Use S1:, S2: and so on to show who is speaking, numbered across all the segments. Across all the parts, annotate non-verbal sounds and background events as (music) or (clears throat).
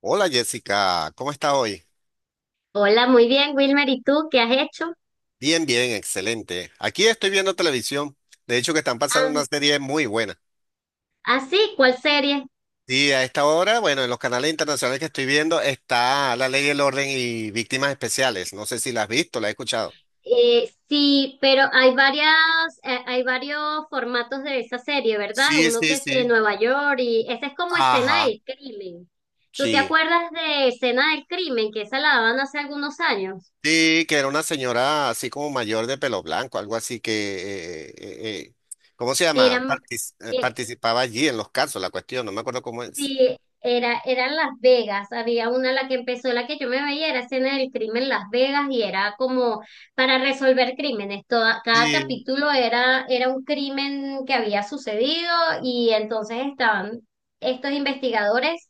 S1: Hola Jessica, ¿cómo estás hoy?
S2: Hola, muy bien, Wilmer. ¿Y tú qué has hecho?
S1: Bien, bien, excelente. Aquí estoy viendo televisión. De hecho, que están pasando
S2: Ah,
S1: una serie muy buena.
S2: ah, sí, ¿cuál serie?
S1: Sí, a esta hora, bueno, en los canales internacionales que estoy viendo está La Ley y el Orden y Víctimas Especiales. No sé si la has visto, la has escuchado.
S2: Sí, pero hay varias, hay varios formatos de esa serie, ¿verdad?
S1: Sí,
S2: Uno
S1: sí,
S2: que sí en
S1: sí.
S2: Nueva York y esa es como Escena
S1: Ajá,
S2: del Crimen. ¿Tú te
S1: sí.
S2: acuerdas de Escena del Crimen, que esa la daban hace algunos años?
S1: Sí, que era una señora así como mayor de pelo blanco, algo así que, eh, eh, eh, ¿cómo se llama?
S2: Eran,
S1: Participaba allí en los casos, la cuestión, no me acuerdo cómo es.
S2: Sí, eran Las Vegas. Había una la que empezó, la que yo me veía, era Escena del Crimen Las Vegas y era como para resolver crímenes. Cada
S1: Sí.
S2: capítulo era un crimen que había sucedido y entonces estaban estos investigadores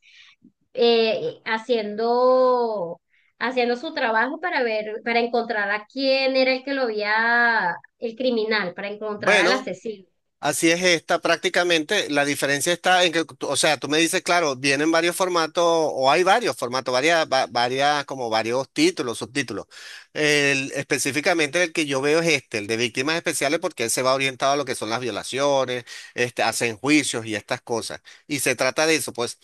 S2: eh, haciendo, haciendo su trabajo para ver, para encontrar a quién era el que lo había, el criminal, para encontrar al
S1: Bueno,
S2: asesino.
S1: así es esta prácticamente. La diferencia está en que, o sea, tú me dices, claro, vienen varios formatos o hay varios formatos, varias, varias, como varios títulos, subtítulos. Específicamente el que yo veo es este, el de víctimas especiales, porque él se va orientado a lo que son las violaciones, este, hacen juicios y estas cosas. Y se trata de eso, pues,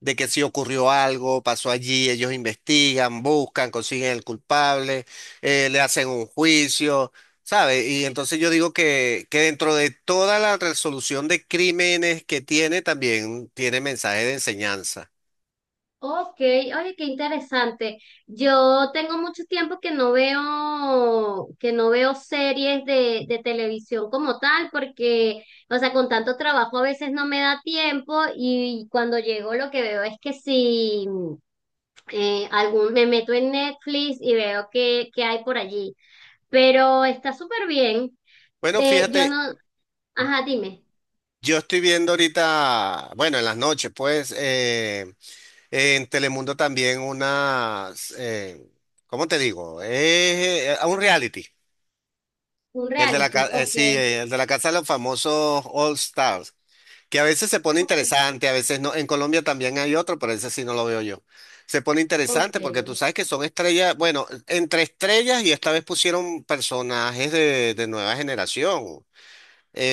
S1: de que si ocurrió algo, pasó allí, ellos investigan, buscan, consiguen el culpable, le hacen un juicio. ¿Sabe? Y entonces yo digo que dentro de toda la resolución de crímenes que tiene, también tiene mensaje de enseñanza.
S2: Ok, oye, qué interesante. Yo tengo mucho tiempo que no veo, series de televisión como tal, porque, o sea, con tanto trabajo a veces no me da tiempo y cuando llego lo que veo es que si me meto en Netflix y veo que hay por allí, pero está súper bien.
S1: Bueno,
S2: Yo
S1: fíjate,
S2: no, ajá, dime,
S1: yo estoy viendo ahorita, bueno, en las noches, pues, en Telemundo también unas. ¿Cómo te digo? Es un reality.
S2: un
S1: El de la,
S2: reality, ok,
S1: sí, el de la Casa de los Famosos All Stars. Que a veces se pone
S2: ok,
S1: interesante, a veces no. En Colombia también hay otro, pero ese sí no lo veo yo. Se pone interesante porque
S2: ok.
S1: tú sabes que son estrellas, bueno, entre estrellas y esta vez pusieron personajes de nueva generación,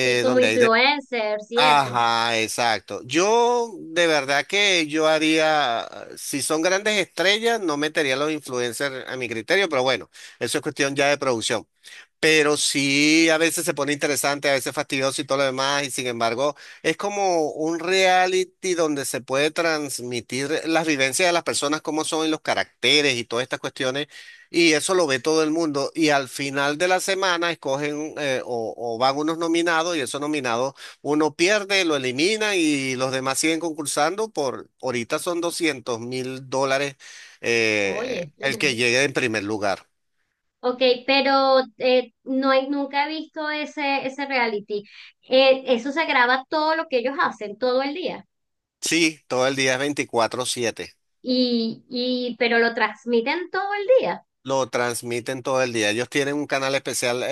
S2: Sí, como
S1: donde hay de...
S2: influencers y eso.
S1: Ajá, exacto. Yo de verdad que yo haría, si son grandes estrellas, no metería a los influencers a mi criterio, pero bueno, eso es cuestión ya de producción. Pero sí, a veces se pone interesante, a veces fastidioso y todo lo demás, y sin embargo, es como un reality donde se puede transmitir las vivencias de las personas, cómo son y los caracteres y todas estas cuestiones, y eso lo ve todo el mundo. Y al final de la semana escogen o van unos nominados y esos nominados uno pierde, lo elimina y los demás siguen concursando por, ahorita son $200,000,
S2: Oye,
S1: el que
S2: (laughs)
S1: llegue en primer lugar.
S2: ok, pero no he, nunca he visto ese, reality. Eso se graba todo lo que ellos hacen todo el día
S1: Sí, todo el día es 24/7.
S2: y pero lo transmiten todo el día.
S1: Lo transmiten todo el día. Ellos tienen un canal especial eh,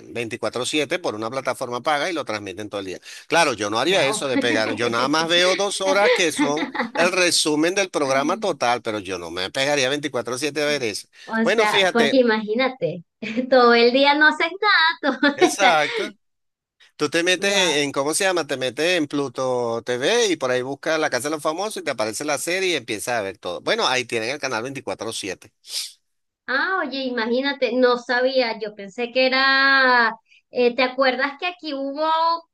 S1: eh, 24/7 por una plataforma paga y lo transmiten todo el día. Claro, yo no haría
S2: Wow.
S1: eso de pegar. Yo nada más veo 2 horas que son el resumen del programa
S2: (laughs)
S1: total, pero yo no me pegaría 24/7 a ver eso.
S2: O
S1: Bueno,
S2: sea, porque
S1: fíjate,
S2: imagínate, (laughs) todo el día no haces nada, todo, (laughs) o sea,
S1: exacto. Tú te metes
S2: wow.
S1: ¿cómo se llama? Te metes en Pluto TV y por ahí buscas La Casa de los Famosos y te aparece la serie y empiezas a ver todo. Bueno, ahí tienen el canal 24/7.
S2: Ah, oye, imagínate, no sabía, yo pensé que era, ¿te acuerdas que aquí hubo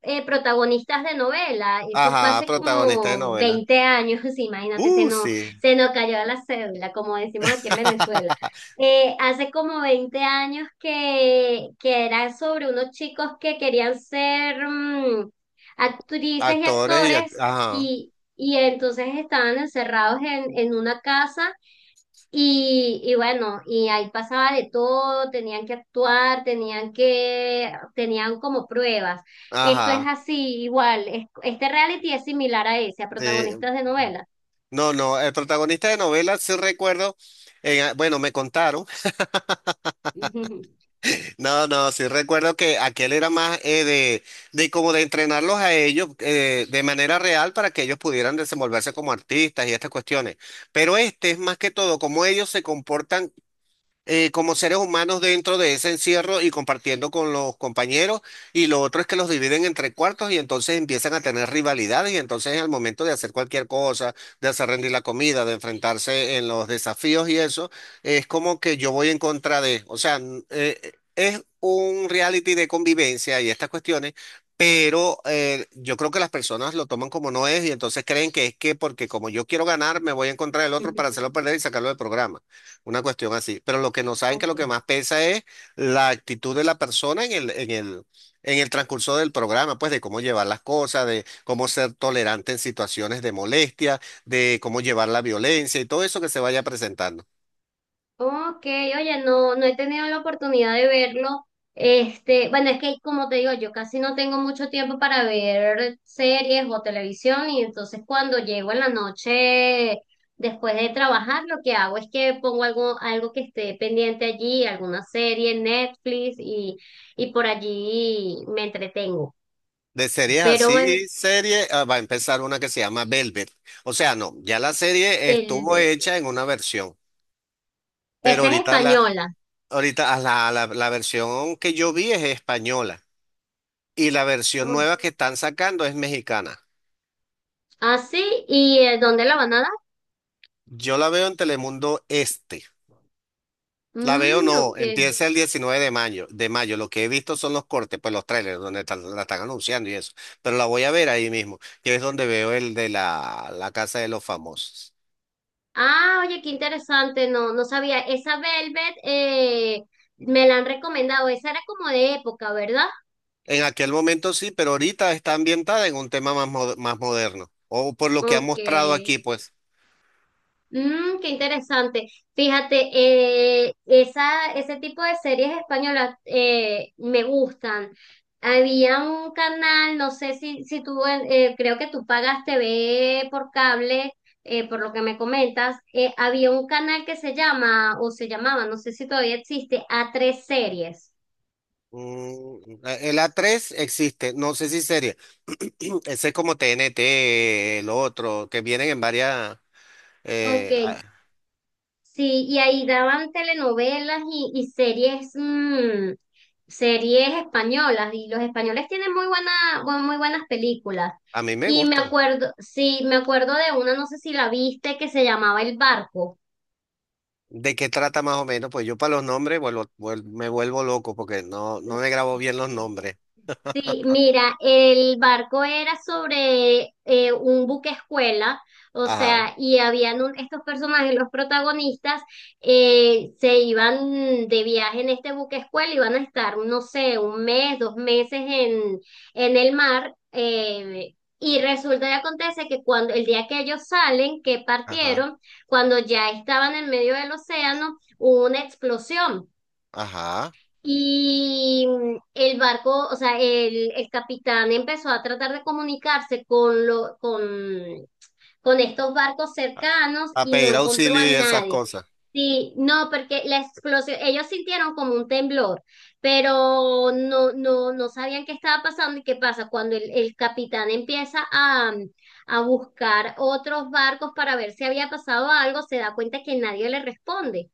S2: protagonistas de novela? Eso fue
S1: Ajá,
S2: hace
S1: protagonista de
S2: como
S1: novela.
S2: 20 años, (laughs) imagínate, se nos,
S1: Sí.
S2: se nos cayó la cédula, como decimos aquí en Venezuela.
S1: (laughs)
S2: Hace como 20 años que era sobre unos chicos que querían ser actrices y
S1: Actores y
S2: actores
S1: ajá,
S2: y entonces estaban encerrados en una casa y bueno, y ahí pasaba de todo, tenían que actuar, tenían como pruebas. Esto es
S1: ajá.
S2: así, igual, este reality es similar a ese, a
S1: Sí.
S2: protagonistas de novelas.
S1: No, no, el protagonista de novela sí recuerdo, bueno, me contaron. (laughs)
S2: (laughs)
S1: No, no, sí recuerdo que aquel era más de como de entrenarlos a ellos de manera real para que ellos pudieran desenvolverse como artistas y estas cuestiones. Pero este es más que todo como ellos se comportan, como seres humanos dentro de ese encierro y compartiendo con los compañeros. Y lo otro es que los dividen entre cuartos y entonces empiezan a tener rivalidades y entonces al momento de hacer cualquier cosa, de hacer rendir la comida, de enfrentarse en los desafíos y eso, es como que yo voy en contra de, o sea, es un reality de convivencia y estas cuestiones. Pero yo creo que las personas lo toman como no es y entonces creen que es que porque como yo quiero ganar, me voy en contra del otro para hacerlo perder y sacarlo del programa. Una cuestión así. Pero lo que no saben que
S2: Ok.
S1: lo que más pesa es la actitud de la persona en el transcurso del programa, pues de cómo llevar las cosas, de cómo ser tolerante en situaciones de molestia, de cómo llevar la violencia y todo eso que se vaya presentando.
S2: Ok, oye, no, no he tenido la oportunidad de verlo. Este, bueno, es que como te digo, yo casi no tengo mucho tiempo para ver series o televisión y entonces cuando llego en la noche después de trabajar, lo que hago es que pongo algo que esté pendiente allí, alguna serie en Netflix y por allí me entretengo.
S1: De series
S2: Pero bueno,
S1: así, serie, ah, va a empezar una que se llama Velvet. O sea, no, ya la serie estuvo
S2: el-
S1: hecha en una versión, pero
S2: esa es
S1: ahorita la,
S2: española.
S1: ahorita ah, la, la la versión que yo vi es española y la versión
S2: Oh,
S1: nueva que están sacando es mexicana.
S2: ah, sí, ¿y dónde la van a dar?
S1: Yo la veo en Telemundo Este. La veo
S2: Mm,
S1: no,
S2: ok.
S1: empieza el 19 de mayo, de mayo. Lo que he visto son los cortes, pues los trailers donde la están anunciando y eso. Pero la voy a ver ahí mismo, que es donde veo el de la Casa de los Famosos.
S2: Ah, oye, qué interesante, no, no sabía. Esa Velvet, me la han recomendado, esa era como de época, ¿verdad?
S1: En aquel momento sí, pero ahorita está ambientada en un tema más, más moderno. O por lo que ha
S2: Ok.
S1: mostrado aquí, pues.
S2: Mm, qué interesante. Fíjate, ese tipo de series españolas, me gustan. Había un canal, no sé si tú, creo que tú pagas TV por cable, por lo que me comentas. Había un canal que se llama, o se llamaba, no sé si todavía existe, a tres Series.
S1: Mm, el a tres existe, no sé si sería. (clears throat) Ese es como TNT, el otro, que vienen en varias...
S2: Ok,
S1: eh, a
S2: sí, y ahí daban telenovelas y series, series españolas, y los españoles tienen muy buena, muy buenas películas.
S1: a mí me
S2: Y me
S1: gustan.
S2: acuerdo, sí, me acuerdo de una, no sé si la viste, que se llamaba El Barco.
S1: ¿De qué trata más o menos? Pues yo para los nombres me vuelvo loco porque no, no me grabo bien los
S2: (laughs)
S1: nombres.
S2: Sí, mira, el barco era sobre un buque escuela, o
S1: Ajá,
S2: sea, y habían estos personajes, los protagonistas, se iban de viaje en este buque escuela, iban a estar, no sé, 1 mes, 2 meses en el mar, y resulta y acontece que cuando el día que ellos salen, que
S1: ajá,
S2: partieron, cuando ya estaban en medio del océano, hubo una explosión.
S1: ajá.
S2: Y el barco, o sea, el capitán empezó a tratar de comunicarse con estos barcos
S1: A,
S2: cercanos
S1: a
S2: y no
S1: pedir
S2: encontró a
S1: auxilio y esas
S2: nadie.
S1: cosas.
S2: Sí, no, porque la explosión, ellos sintieron como un temblor, pero no sabían qué estaba pasando y qué pasa cuando el capitán empieza a buscar otros barcos para ver si había pasado algo, se da cuenta que nadie le responde.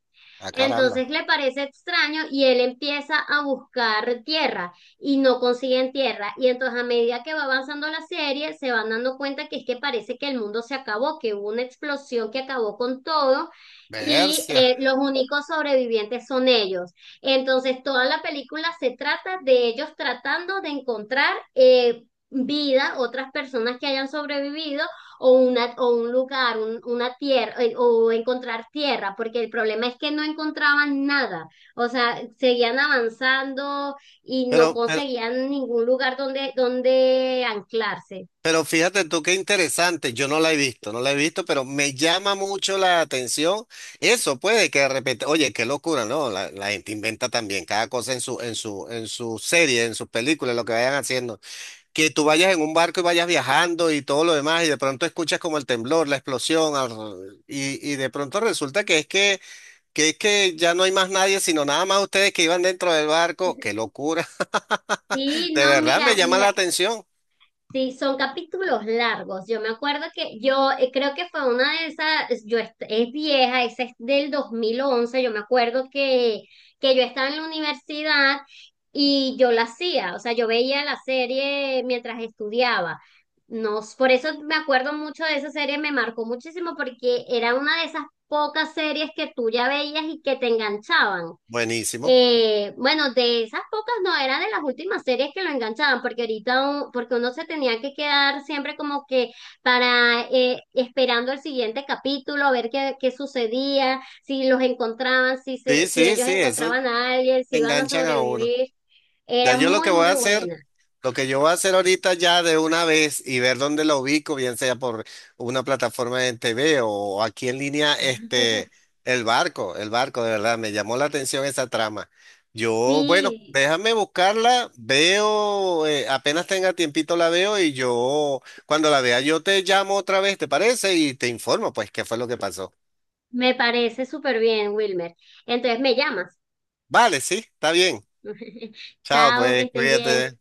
S1: ¡A caramba!
S2: Entonces le parece extraño y él empieza a buscar tierra y no consiguen tierra. Y entonces a medida que va avanzando la serie, se van dando cuenta que es que parece que el mundo se acabó, que hubo una explosión que acabó con todo. Y
S1: Versia.
S2: los únicos sobrevivientes son ellos. Entonces, toda la película se trata de ellos tratando de encontrar vida, otras personas que hayan sobrevivido o, o un lugar, una tierra, o encontrar tierra, porque el problema es que no encontraban nada, o sea, seguían avanzando y no
S1: Pero, pero,
S2: conseguían ningún lugar donde, anclarse.
S1: pero fíjate tú qué interesante. Yo no la he visto, no la he visto, pero me llama mucho la atención. Eso puede que de repente, oye, qué locura, ¿no? La gente inventa también cada cosa en su, en su serie, en sus películas, lo que vayan haciendo. Que tú vayas en un barco y vayas viajando y todo lo demás, y de pronto escuchas como el temblor, la explosión, y de pronto resulta que es que ya no hay más nadie, sino nada más ustedes que iban dentro del barco. ¡Qué
S2: (laughs)
S1: locura! (laughs)
S2: Sí,
S1: De
S2: no,
S1: verdad
S2: mira,
S1: me llama la atención.
S2: sí, son capítulos largos. Yo me acuerdo que yo creo que fue una de esas, es vieja, esa es del 2011. Yo me acuerdo que yo estaba en la universidad y yo la hacía, o sea, yo veía la serie mientras estudiaba. No, por eso me acuerdo mucho de esa serie, me marcó muchísimo porque era una de esas pocas series que tú ya veías y que te enganchaban.
S1: Buenísimo.
S2: Bueno, de esas pocas no, era de las últimas series que lo enganchaban, porque ahorita, porque uno se tenía que quedar siempre como que para, esperando el siguiente capítulo, a ver qué, sucedía, si los encontraban,
S1: Sí,
S2: si
S1: sí,
S2: ellos
S1: sí, eso
S2: encontraban a alguien, si iban a
S1: enganchan a uno.
S2: sobrevivir.
S1: Ya
S2: Era
S1: yo lo que
S2: muy,
S1: voy a
S2: muy
S1: hacer.
S2: buena.
S1: Lo que yo voy a hacer ahorita ya de una vez y ver dónde lo ubico, bien sea por una plataforma en TV o aquí en línea, este, el barco, de verdad, me llamó la atención esa trama. Yo, bueno,
S2: Sí,
S1: déjame buscarla, veo, apenas tenga tiempito la veo y yo, cuando la vea, yo te llamo otra vez, ¿te parece? Y te informo, pues, qué fue lo que pasó.
S2: me parece súper bien, Wilmer. Entonces me llamas.
S1: Vale, sí, está bien.
S2: (laughs)
S1: Chao,
S2: Chao, que
S1: pues,
S2: estés bien.
S1: cuídate.